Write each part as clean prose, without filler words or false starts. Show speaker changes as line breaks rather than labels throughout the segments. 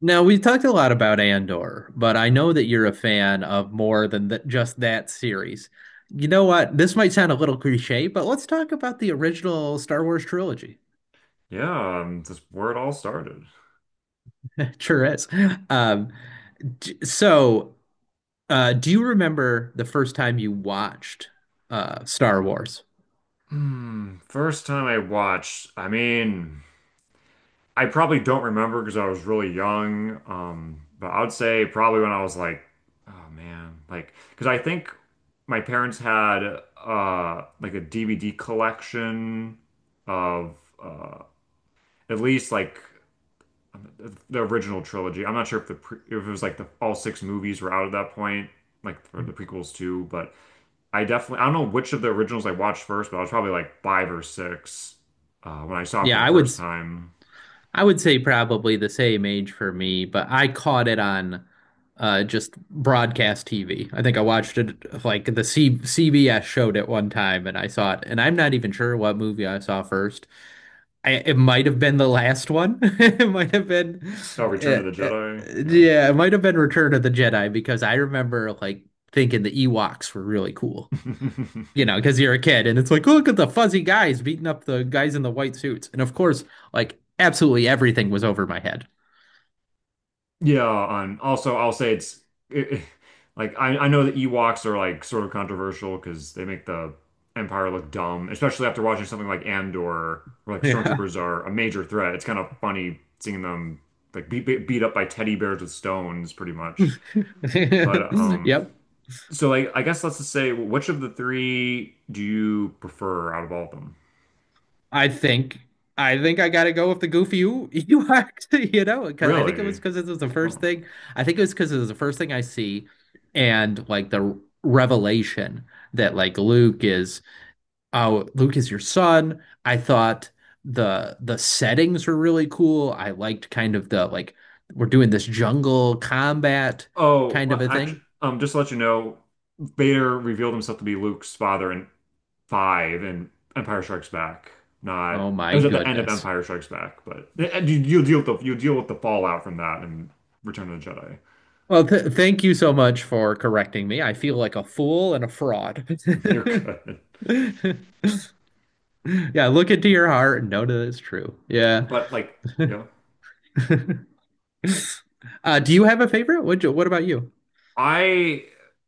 Now, we talked a lot about Andor, but I know that you're a fan of more than th just that series. You know what? This might sound a little cliche, but let's talk about the original Star Wars trilogy.
Yeah, that's where it all started.
Sure is. Um, d- so, do you remember the first time you watched Star Wars?
First time I watched, I mean, I probably don't remember because I was really young. But I would say probably when I was like, oh man, like, because I think my parents had like a DVD collection of uh at least like the original trilogy. I'm not sure if the pre if it was like the all six movies were out at that point, like for the prequels too, but. I don't know which of the originals I watched first, but I was probably like five or six when I saw it for
Yeah,
the
I would.
first time.
I would say probably the same age for me, but I caught it on just broadcast TV. I think I watched it like the C CBS showed it one time and I saw it. And I'm not even sure what movie I saw first. I, it might have been the last one.
Oh, Return
Uh,
of the
uh,
Jedi.
yeah, it might have been Return of the Jedi because I remember like thinking the Ewoks were really cool,
Yeah.
you know, because you're a kid and it's like, look at the fuzzy guys beating up the guys in the white suits. And of course, like absolutely everything was over my head.
Yeah, and also I'll say it, it- like I know the Ewoks are like sort of controversial because they make the Empire look dumb, especially after watching something like Andor, where like
Yeah.
stormtroopers are a major threat. It's kind of funny seeing them like beat up by teddy bears with stones, pretty much. But,
Yep.
so like I guess let's just say which of the three do you prefer out of all of them?
I think I think I gotta go with the goofy you actually, you know, because I think it was
Really?
because it was the first
Oh,
thing. I think it was because it was the first thing I see, and like the revelation that like Luke is oh, Luke is your son. I thought the settings were really cool. I liked kind of the, like, we're doing this jungle combat
oh
kind of
well,
a thing.
actually, just to let you know, Vader revealed himself to be Luke's father in five and Empire Strikes Back. Not,
Oh
it
my
was at the end of
goodness.
Empire Strikes Back, but and you, you'll deal with the you deal with the fallout from that in Return of the Jedi.
Well, th thank you so much for correcting me. I feel like a fool and a fraud.
You're good,
Yeah, look into your heart and know that it's true. Yeah.
but like yeah.
Do you have a favorite? What about you?
I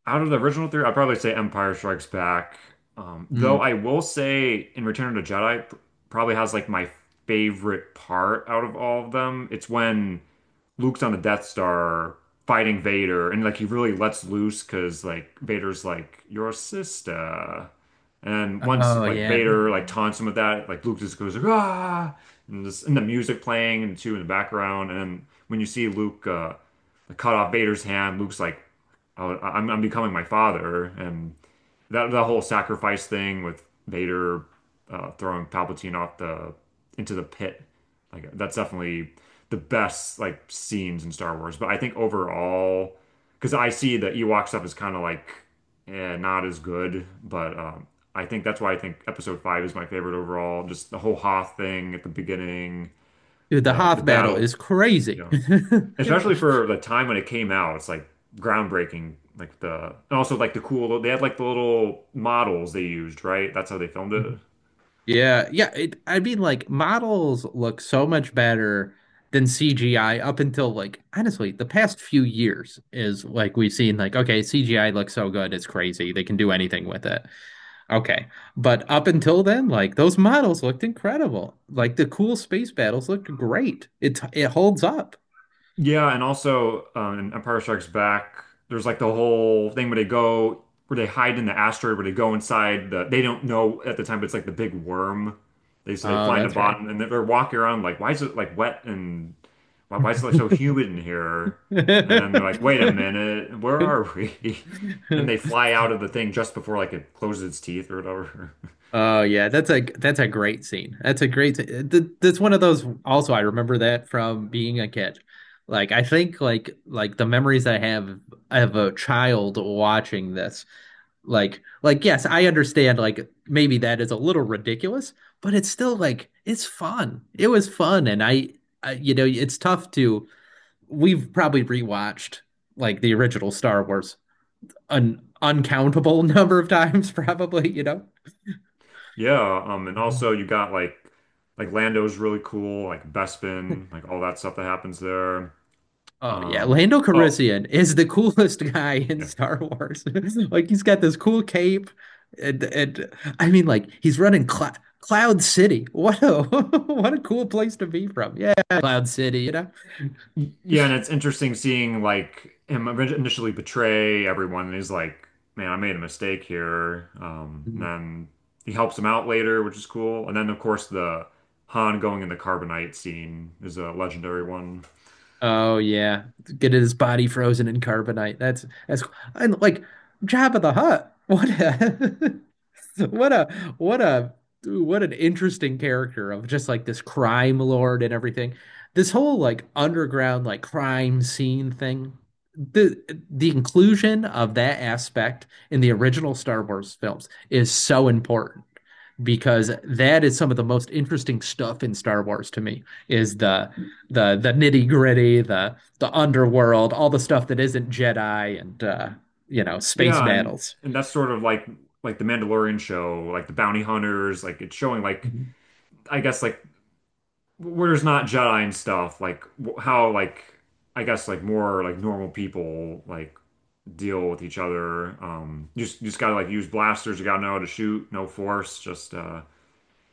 Out of the original three, I'd probably say Empire Strikes Back. Though
Hmm.
I will say in Return of the Jedi probably has like my favorite part out of all of them. It's when Luke's on the Death Star fighting Vader and like he really lets loose because like Vader's like your sister. And once
Oh
like
yeah.
Vader like taunts him with that, like Luke just goes ah and, this, and the music playing and too in the background. And then when you see Luke cut off Vader's hand, Luke's like I would, I- am I'm becoming my father, and that the whole sacrifice thing with Vader throwing Palpatine off the into the pit, like that's definitely the best like scenes in Star Wars. But I think overall, because I see the Ewok stuff is kind of like eh, not as good, but I think that's why I think Episode Five is my favorite overall. Just the whole Hoth thing at the beginning,
Dude, the
the
Hoth battle
battle,
is
you
crazy.
know especially for the time when it came out, it's like groundbreaking. Like and also like the cool, they had like the little models they used, right? That's how they filmed it.
Yeah, yeah. I mean, like, models look so much better than CGI up until, like, honestly, the past few years. Is like we've seen, like, okay, CGI looks so good, it's crazy. They can do anything with it. Okay, but up until then, like, those models looked incredible. Like, the cool space battles looked great. It holds up.
Yeah, and also in Empire Strikes Back, there's like the whole thing where they hide in the asteroid, where they go inside they don't know at the time, but it's like the big worm. They So they
Oh,
find the
that's right.
bottom, and they're walking around like, why is it like wet and why is it like so humid in here? And then they're like, wait a minute, where are we? And they fly out of the thing just before like it closes its teeth or whatever.
Oh yeah, that's a great scene. That's a great scene. That's one of those. Also, I remember that from being a kid. Like the memories I have of a child watching this. Like yes, I understand, like, maybe that is a little ridiculous, but it's still, like, it's fun. It was fun. And I, it's tough to, we've probably rewatched like the original Star Wars an uncountable number of times probably, you know.
Yeah, and also you got like Lando's really cool, like Bespin, like all that stuff that happens there.
Oh yeah,
Um,
Lando
oh,
Calrissian is the coolest guy in
yeah.
Star Wars. Like, he's got this cool cape, and I mean, like, he's running Cloud City. What a what a cool place to be from. Yeah, Cloud City, you know.
Yeah, and it's interesting seeing like him initially betray everyone, and he's like, "Man, I made a mistake here." And
Mm.
then he helps him out later, which is cool. And then, of course, the Han going in the carbonite scene is a legendary one.
Oh yeah, get his body frozen in carbonite. That's cool. And, like, Jabba the Hutt. What? What a what a what an interesting character of just, like, this crime lord and everything. This whole, like, underground like crime scene thing. The the inclusion of that aspect in the original Star Wars films is so important because that is some of the most interesting stuff in Star Wars to me is the nitty-gritty, the underworld, all the stuff that isn't Jedi and, you know, space
Yeah, and
battles.
and that's sort of like the Mandalorian show, like the bounty hunters, like it's showing like
Mhm.
I guess like where there's not Jedi and stuff, like how like I guess like more like normal people like deal with each other. You just gotta like use blasters. You gotta know how to shoot. No force. Just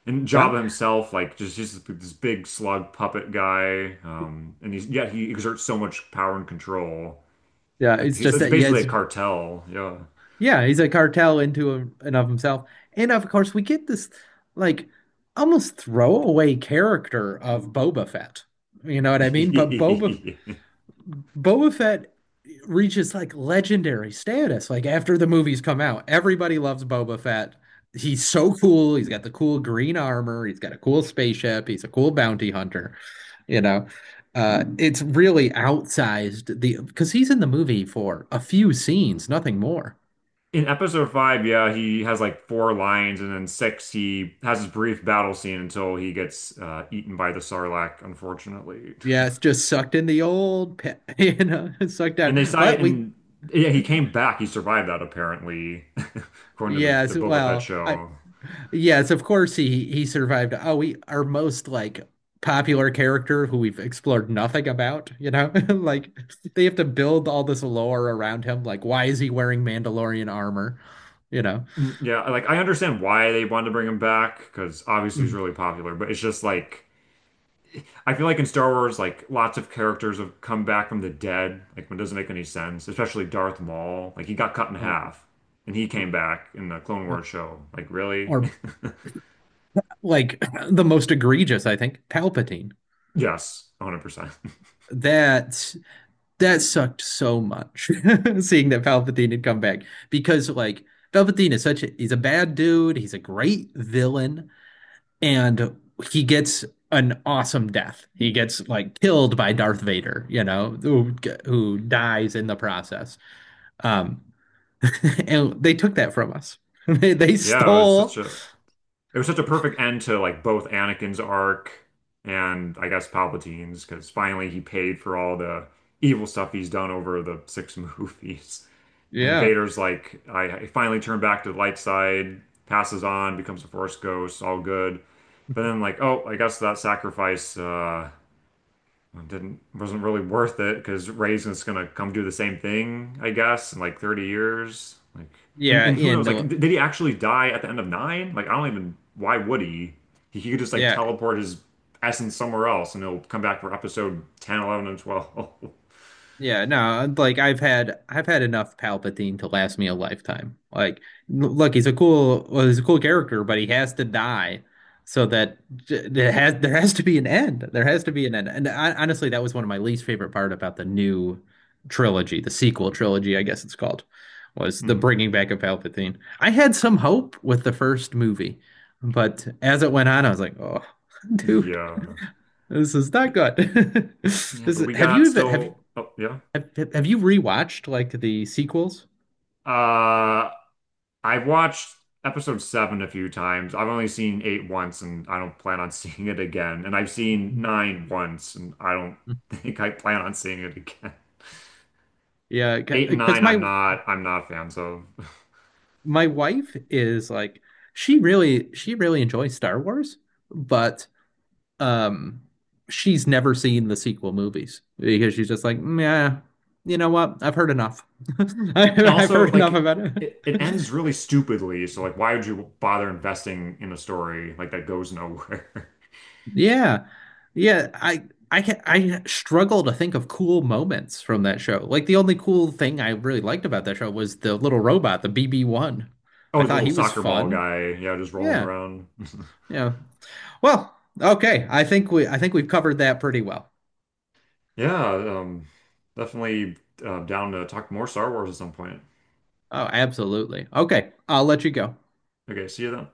And
Yeah.
Jabba himself, like just this big slug puppet guy. And he's yet he exerts so much power and control.
Yeah,
Like
it's
he's
just
it's
that yeah,
basically
it's,
a cartel. Yeah.
yeah, he's a cartel into him and of himself. And of course, we get this, like, almost throwaway character of Boba Fett. You know what I mean? But Boba Fett reaches like legendary status. Like, after the movies come out, everybody loves Boba Fett. He's so cool. He's got the cool green armor. He's got a cool spaceship. He's a cool bounty hunter. You know, it's really outsized, the because he's in the movie for a few scenes, nothing more.
In episode five, yeah, he has like four lines, and then six, he has his brief battle scene until he gets eaten by the Sarlacc, unfortunately.
Yeah, it's just sucked in the old pit, you know, sucked out. But we,
And yeah, he came back. He survived that apparently, according to the,
yes,
the Boba Fett
well, I,
show.
yes, of course he survived. Oh, we, our most like popular character who we've explored nothing about, you know, like, they have to build all this lore around him. Like, why is he wearing Mandalorian armor? You know,
Mm, yeah, like I understand why they wanted to bring him back because obviously he's
Mhm.
really popular, but it's just like I feel like in Star Wars, like lots of characters have come back from the dead. Like it doesn't make any sense, especially Darth Maul. Like he got cut in
or
half and he
or,
came back in the Clone Wars show. Like really?
or, like, the most egregious, I think, Palpatine.
Yes, 100%.
That that sucked so much seeing that Palpatine had come back because, like, Palpatine is such a, he's a bad dude, he's a great villain, and he gets an awesome death. He gets like killed by Darth Vader, you know, who dies in the process. Um and they took that from us. They
Yeah, it was
stole,
such a It was such a perfect end to like both Anakin's arc and I guess Palpatine's because finally he paid for all the evil stuff he's done over the six movies. And
yeah.
Vader's like, I finally turned back to the light side, passes on, becomes a Force ghost, all good. But then like, oh, I guess that sacrifice it didn't wasn't really worth it because Raisin's gonna come do the same thing, I guess, in like 30 years. Like, and,
Yeah,
and who
in
knows? Like, did he actually die at the end of nine? Like, I don't even. Why would he? He could just like
yeah.
teleport his essence somewhere else, and he'll come back for episode 10, 11, and 12.
Yeah, no, like, I've had enough Palpatine to last me a lifetime. Like, look, he's a cool, well, he's a cool character, but he has to die so that, there has, there has to be an end. There has to be an end. And I, honestly, that was one of my least favorite part about the new trilogy, the sequel trilogy, I guess it's called, was the
Hmm.
bringing back of Palpatine. I had some hope with the first movie, but as it went on, I was like, oh, dude,
Yeah.
this is not
But,
good. This
yeah, but
is,
we
have you
got
even
still. Oh, yeah.
have you rewatched like the sequels?
Uh, I've watched episode seven a few times. I've only seen eight once, and I don't plan on seeing it again. And I've seen nine once, and I don't
Mhm.
think I plan on seeing it again.
Yeah,
Eight and
because
nine, I'm not, I'm not fans of.
my wife is like, she really enjoys Star Wars, but um, she's never seen the sequel movies because she's just like, yeah, you know what? I've heard enough.
And
I've
also,
heard enough
like,
about it.
it ends really stupidly. So, like, why would you bother investing in a story like that goes nowhere?
Yeah. Yeah, I I can, I struggle to think of cool moments from that show. Like, the only cool thing I really liked about that show was the little robot, the BB-1. I
Oh, the
thought
little
he was
soccer ball
fun.
guy, yeah, just rolling
Yeah.
around.
Yeah. Well, okay. I think we've covered that pretty well.
Yeah, definitely down to talk more Star Wars at some point.
Oh, absolutely. Okay. I'll let you go.
Okay, see you then.